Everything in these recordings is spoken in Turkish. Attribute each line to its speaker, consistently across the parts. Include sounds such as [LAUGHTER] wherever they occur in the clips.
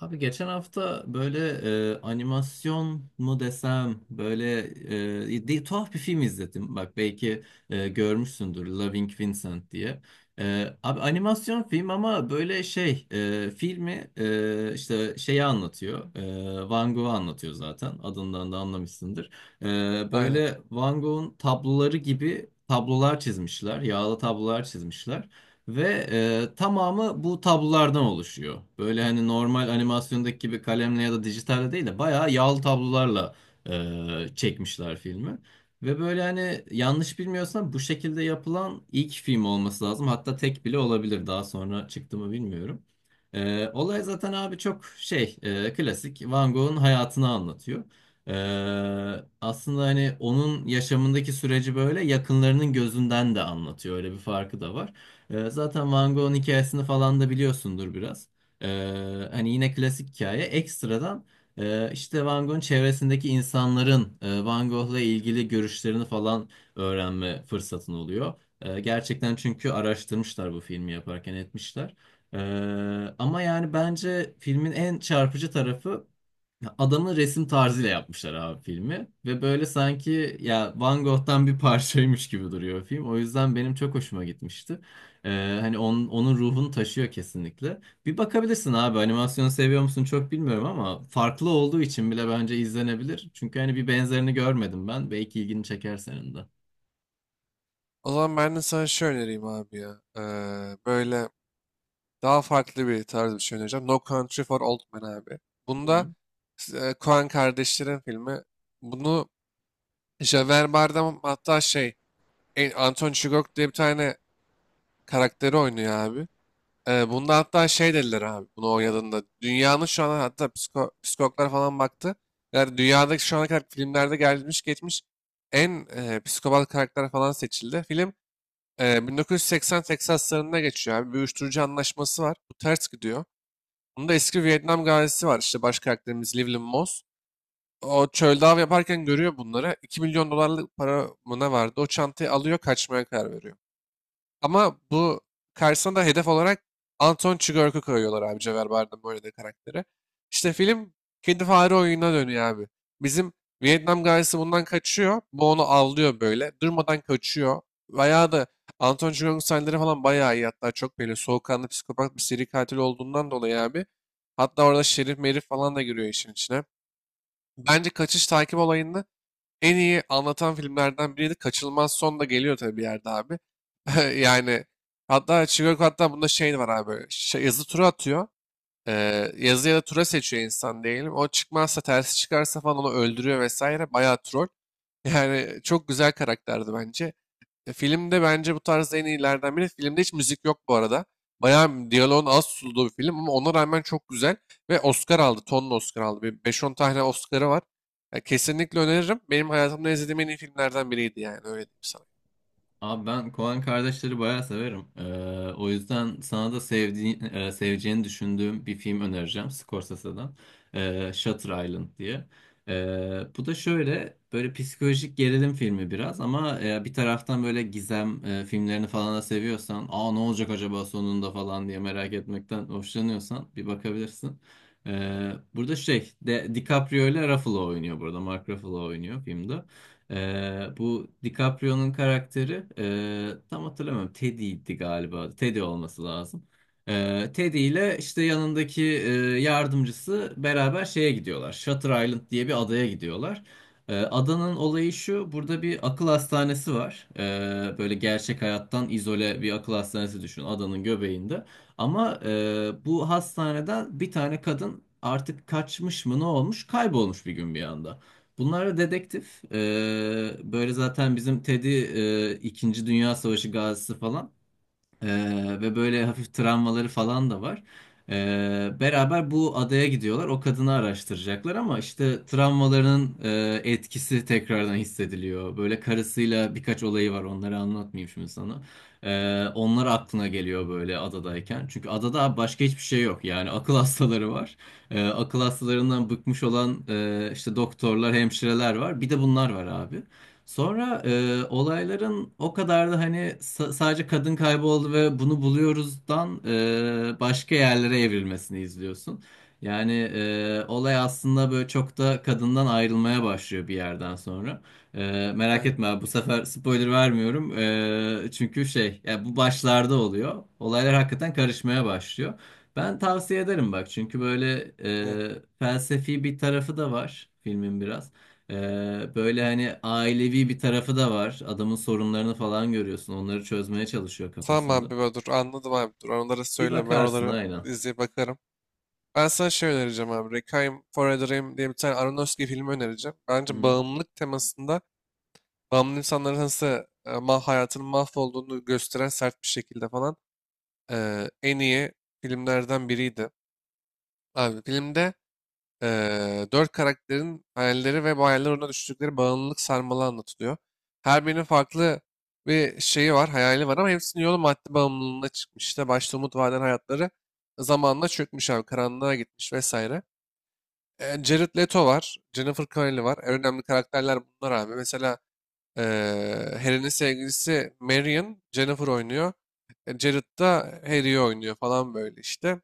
Speaker 1: Abi geçen hafta böyle animasyon mu desem böyle tuhaf bir film izledim. Bak belki görmüşsündür Loving Vincent diye. Abi animasyon film ama böyle filmi işte şeyi anlatıyor. Van Gogh'u anlatıyor zaten adından da anlamışsındır. E,
Speaker 2: Aynen.
Speaker 1: Böyle Van Gogh'un tabloları gibi tablolar çizmişler. Yağlı tablolar çizmişler. Ve tamamı bu tablolardan oluşuyor. Böyle hani normal animasyondaki gibi kalemle ya da dijitalde değil de bayağı yağlı tablolarla çekmişler filmi. Ve böyle hani yanlış bilmiyorsam bu şekilde yapılan ilk film olması lazım. Hatta tek bile olabilir. Daha sonra çıktı mı bilmiyorum. Olay zaten abi çok klasik Van Gogh'un hayatını anlatıyor. E, Aslında hani onun yaşamındaki süreci böyle yakınlarının gözünden de anlatıyor. Öyle bir farkı da var. Zaten Van Gogh'un hikayesini falan da biliyorsundur biraz. Hani yine klasik hikaye. Ekstradan işte Van Gogh'un çevresindeki insanların Van Gogh'la ilgili görüşlerini falan öğrenme fırsatın oluyor. Gerçekten çünkü araştırmışlar bu filmi yaparken etmişler. Ama yani bence filmin en çarpıcı tarafı adamın resim tarzıyla yapmışlar abi filmi ve böyle sanki ya Van Gogh'tan bir [LAUGHS] parçaymış gibi duruyor film. O yüzden benim çok hoşuma gitmişti. Hani onun ruhunu taşıyor kesinlikle. Bir bakabilirsin abi animasyonu seviyor musun çok bilmiyorum ama farklı olduğu için bile bence izlenebilir. Çünkü hani bir benzerini görmedim ben. Belki ilgini çeker senin de.
Speaker 2: O zaman ben de sana şey önereyim abi ya. Böyle daha farklı bir tarz bir şey önereceğim. No Country for Old Men abi. Bunda Coen kardeşlerin filmi. Bunu Javier Bardem hatta şey Anton Chigurh diye bir tane karakteri oynuyor abi. Bunda hatta şey dediler abi bunu oynadığında. Dünyanın şu an hatta psiko, psikologlar falan baktı. Yani dünyadaki şu ana kadar filmlerde gelmiş geçmiş en psikopat karakter falan seçildi. Film 1980 Teksaslarında geçiyor abi. Bir uyuşturucu anlaşması var. Bu ters gidiyor. Bunda eski Vietnam gazisi var. İşte baş karakterimiz Llewellyn Moss. O çölde av yaparken görüyor bunları. 2 milyon dolarlık para mı ne vardı? O çantayı alıyor, kaçmaya karar veriyor. Ama bu karşısına da hedef olarak Anton Chigurh'u koyuyorlar abi, Cevher Bardem böyle de karakteri. İşte film kendi fare oyununa dönüyor abi. Bizim Vietnam gazisi bundan kaçıyor. Bu onu avlıyor böyle. Durmadan kaçıyor. Veya da Anton Chigurh'un sahneleri falan bayağı iyi. Hatta çok böyle soğukkanlı psikopat bir seri katil olduğundan dolayı abi. Hatta orada Şerif Merif falan da giriyor işin içine. Bence kaçış takip olayını en iyi anlatan filmlerden biriydi. Kaçınılmaz son da geliyor tabii bir yerde abi. [LAUGHS] Yani hatta Chicago hatta bunda şey var abi. Şey, yazı tura atıyor. Yazı ya da tura seçiyor insan diyelim. O çıkmazsa, tersi çıkarsa falan onu öldürüyor vesaire. Bayağı troll. [LAUGHS] Yani çok güzel karakterdi bence. Filmde bence bu tarz en iyilerden biri. Filmde hiç müzik yok bu arada. Bayağı diyaloğun az tutulduğu bir film ama ona rağmen çok güzel. Ve Oscar aldı. Tonla Oscar aldı. Bir 5-10 tane Oscar'ı var. Ya, kesinlikle öneririm. Benim hayatımda izlediğim en iyi filmlerden biriydi yani. Öyle diyeyim sana.
Speaker 1: Abi ben Koen kardeşleri bayağı severim. O yüzden sana da seveceğini düşündüğüm bir film önereceğim Scorsese'den. Shutter Island diye. Bu da şöyle böyle psikolojik gerilim filmi biraz ama bir taraftan böyle gizem filmlerini falan da seviyorsan, aa ne olacak acaba sonunda falan diye merak etmekten hoşlanıyorsan bir bakabilirsin. Burada DiCaprio ile Ruffalo oynuyor burada. Mark Ruffalo oynuyor filmde. Bu DiCaprio'nun karakteri tam hatırlamıyorum Teddy'ydi galiba. Teddy olması lazım. Teddy ile işte yanındaki yardımcısı beraber şeye gidiyorlar. Shutter Island diye bir adaya gidiyorlar. Adanın olayı şu. Burada bir akıl hastanesi var. Böyle gerçek hayattan izole bir akıl hastanesi düşün adanın göbeğinde. Ama bu hastaneden bir tane kadın artık kaçmış mı ne olmuş kaybolmuş bir gün bir anda. Bunlar da dedektif. Böyle zaten bizim Teddy İkinci Dünya Savaşı gazisi falan. Ve böyle hafif travmaları falan da var. Beraber bu adaya gidiyorlar. O kadını araştıracaklar ama işte travmalarının etkisi tekrardan hissediliyor. Böyle karısıyla birkaç olayı var. Onları anlatmayayım şimdi sana. Onlar aklına geliyor böyle adadayken. Çünkü adada başka hiçbir şey yok. Yani akıl [LAUGHS] hastaları var. Akıl hastalarından bıkmış olan işte doktorlar, hemşireler var. Bir de bunlar var abi. Sonra olayların o kadar da hani sadece kadın kayboldu ve bunu buluyoruzdan başka yerlere evrilmesini izliyorsun. Yani olay aslında böyle çok da kadından ayrılmaya başlıyor bir yerden sonra. Merak
Speaker 2: Aynen.
Speaker 1: etme abi, bu sefer spoiler vermiyorum. Çünkü şey ya bu başlarda oluyor. Olaylar hakikaten karışmaya başlıyor. Ben tavsiye ederim bak çünkü böyle
Speaker 2: Ne?
Speaker 1: felsefi bir tarafı da var filmin biraz. Böyle hani ailevi bir tarafı da var. Adamın sorunlarını falan görüyorsun. Onları çözmeye çalışıyor
Speaker 2: Tamam
Speaker 1: kafasında.
Speaker 2: abi ben dur. Anladım abi dur. Onlara
Speaker 1: Bir
Speaker 2: söyleme. Ben
Speaker 1: bakarsın
Speaker 2: oraları
Speaker 1: aynen.
Speaker 2: izleyip bakarım. Ben sana şey önereceğim abi. Requiem for a Dream diye bir tane Aronofsky filmi önereceğim. Bence bağımlılık temasında bağımlı insanların nasıl e, ma hayatının mahvolduğunu gösteren sert bir şekilde falan en iyi filmlerden biriydi. Abi filmde 4 karakterin hayalleri ve bu hayaller uğruna düştükleri bağımlılık sarmalı anlatılıyor. Her birinin farklı bir şeyi var, hayali var ama hepsinin yolu madde bağımlılığına çıkmış. İşte başta umut vaden hayatları zamanla çökmüş abi, karanlığa gitmiş vesaire. E, Jared Leto var, Jennifer Connelly var. En önemli karakterler bunlar abi. Mesela Harry'nin sevgilisi Marion, Jennifer oynuyor. E, Jared da Harry'i oynuyor falan böyle işte.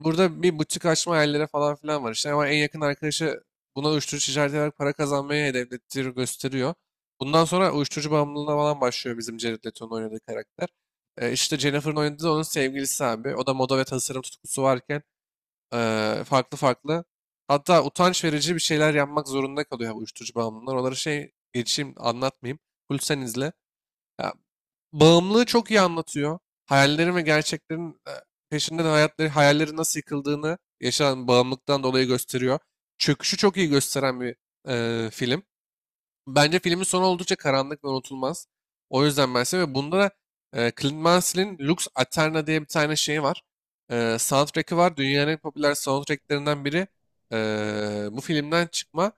Speaker 2: Burada bir butik açma hayallere falan filan var işte. Ama en yakın arkadaşı buna uyuşturucu ticareti ederek para kazanmayı hedeflettiğini gösteriyor. Bundan sonra uyuşturucu bağımlılığına falan başlıyor bizim Jared Leto'nun oynadığı karakter. E, işte Jennifer'ın oynadığı da onun sevgilisi abi. O da moda ve tasarım tutkusu varken farklı farklı. Hatta utanç verici bir şeyler yapmak zorunda kalıyor bu uyuşturucu bağımlılar. Onları şey geçeyim, anlatmayayım. Full sen izle. Ya, bağımlılığı çok iyi anlatıyor. Hayallerin ve gerçeklerin peşinde de hayatları, hayalleri nasıl yıkıldığını yaşanan bağımlılıktan dolayı gösteriyor. Çöküşü çok iyi gösteren bir film. Bence filmin sonu oldukça karanlık ve unutulmaz. O yüzden ben seviyorum. Ve bunda da Clint Mansell'in Lux Aeterna diye bir tane şeyi var. E, soundtrack'i var. Dünyanın en popüler soundtracklerinden biri. E, bu filmden çıkma.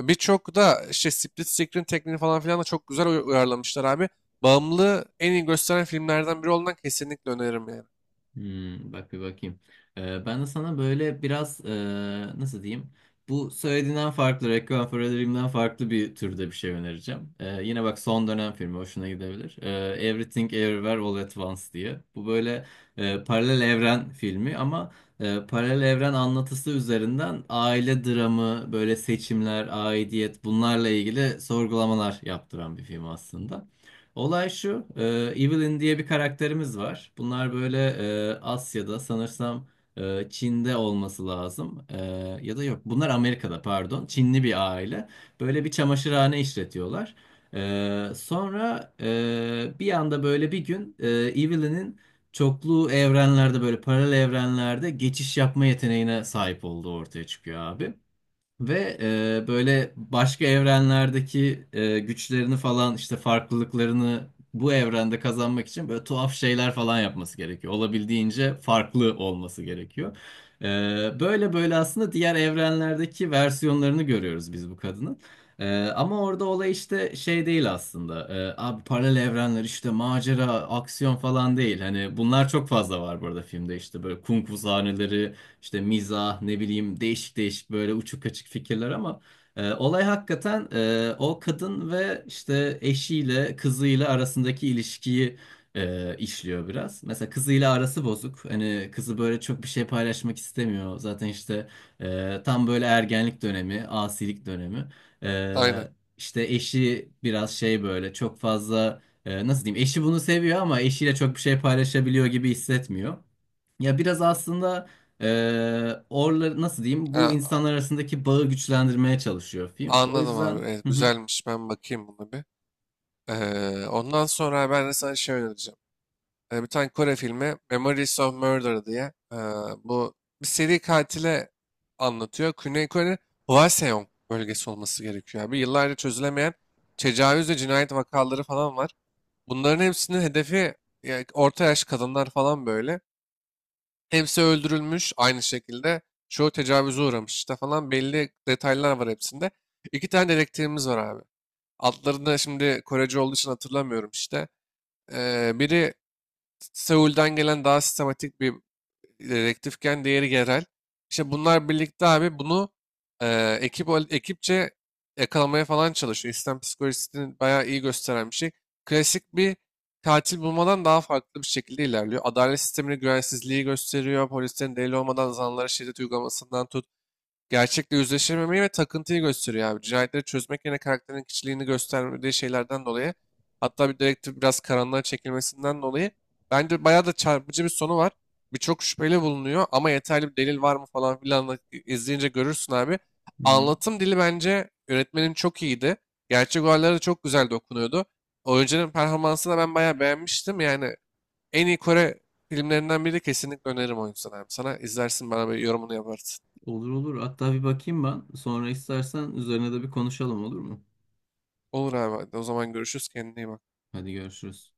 Speaker 2: E, birçok da işte split screen tekniğini falan filan da çok güzel uyarlamışlar abi. Bağımlılığı en iyi gösteren filmlerden biri olduğundan kesinlikle öneririm yani.
Speaker 1: Hmm, bak bir bakayım. Ben de sana böyle biraz nasıl diyeyim? Bu söylediğinden farklı, Requiem for a Dream'den farklı bir türde bir şey önereceğim. Yine bak son dönem filmi hoşuna gidebilir. Everything Everywhere All at Once diye. Bu böyle paralel evren filmi ama paralel evren anlatısı üzerinden aile dramı, böyle seçimler, aidiyet bunlarla ilgili sorgulamalar yaptıran bir film aslında. Olay şu, Evelyn diye bir karakterimiz var. Bunlar böyle Asya'da sanırsam Çin'de olması lazım. Ya da yok, bunlar Amerika'da pardon. Çinli bir aile. Böyle bir çamaşırhane işletiyorlar. Sonra bir anda böyle bir gün Evelyn'in çoklu evrenlerde böyle paralel evrenlerde geçiş yapma yeteneğine sahip olduğu ortaya çıkıyor abi. Ve böyle başka evrenlerdeki güçlerini falan işte farklılıklarını bu evrende kazanmak için böyle tuhaf şeyler falan yapması gerekiyor. Olabildiğince farklı olması gerekiyor. E, Böyle böyle aslında diğer evrenlerdeki versiyonlarını görüyoruz biz bu kadının. Ama orada olay işte şey değil aslında. Abi paralel evrenler işte macera, aksiyon falan değil. Hani bunlar çok fazla var burada filmde işte böyle kung fu sahneleri işte mizah ne bileyim değişik değişik böyle uçuk kaçık fikirler ama olay hakikaten o kadın ve işte eşiyle kızıyla arasındaki ilişkiyi işliyor biraz. Mesela kızıyla arası bozuk. Hani kızı böyle çok bir şey paylaşmak istemiyor. Zaten işte tam böyle ergenlik dönemi, asilik dönemi.
Speaker 2: Aynen.
Speaker 1: E, işte eşi biraz şey böyle çok fazla nasıl diyeyim eşi bunu seviyor ama eşiyle çok bir şey paylaşabiliyor gibi hissetmiyor. Ya biraz aslında orla nasıl diyeyim bu
Speaker 2: Ha,
Speaker 1: insanlar arasındaki bağı güçlendirmeye çalışıyor film. O
Speaker 2: anladım abi.
Speaker 1: yüzden
Speaker 2: Evet,
Speaker 1: hı hı,
Speaker 2: güzelmiş. Ben bakayım buna bir. E, ondan sonra ben de sana şey önereceğim. Bir tane Kore filmi Memories of Murder diye, bu bir seri katile anlatıyor. Güney Kore Hwaseong bölgesi olması gerekiyor abi. Yıllarca çözülemeyen tecavüz ve cinayet vakaları falan var. Bunların hepsinin hedefi ya, orta yaş kadınlar falan böyle. Hepsi öldürülmüş aynı şekilde. Çoğu tecavüze uğramış işte falan, belli detaylar var hepsinde. İki tane dedektifimiz var abi. Adlarını şimdi Korece olduğu için hatırlamıyorum işte. Biri Seul'den gelen daha sistematik bir direktifken diğeri yerel. İşte bunlar birlikte abi bunu ekipçe yakalamaya falan çalışıyor. İslam psikolojisini bayağı iyi gösteren bir şey. Klasik bir katil bulmadan daha farklı bir şekilde ilerliyor. Adalet sistemine güvensizliği gösteriyor. Polislerin delil olmadan zanlara şiddet uygulamasından tut, gerçekle yüzleşememeyi ve takıntıyı gösteriyor abi. Cinayetleri çözmek yerine karakterin kişiliğini gösterdiği şeylerden dolayı, hatta bir direktif biraz karanlığa çekilmesinden dolayı, bence bayağı da çarpıcı bir sonu var. Birçok şüpheli bulunuyor ama yeterli bir delil var mı falan filan da izleyince görürsün abi.
Speaker 1: hı hı.
Speaker 2: Anlatım dili bence yönetmenin çok iyiydi. Gerçek olaylara da çok güzel dokunuyordu. Oyuncunun performansını da ben bayağı beğenmiştim. Yani en iyi Kore filmlerinden biri, kesinlikle öneririm o yüzden abi. Sana izlersin, bana bir yorumunu yaparsın.
Speaker 1: Olur olur. Hatta bir bakayım ben. Sonra istersen üzerine de bir konuşalım olur mu?
Speaker 2: Olur abi, hadi o zaman görüşürüz, kendine iyi bak.
Speaker 1: Hadi görüşürüz.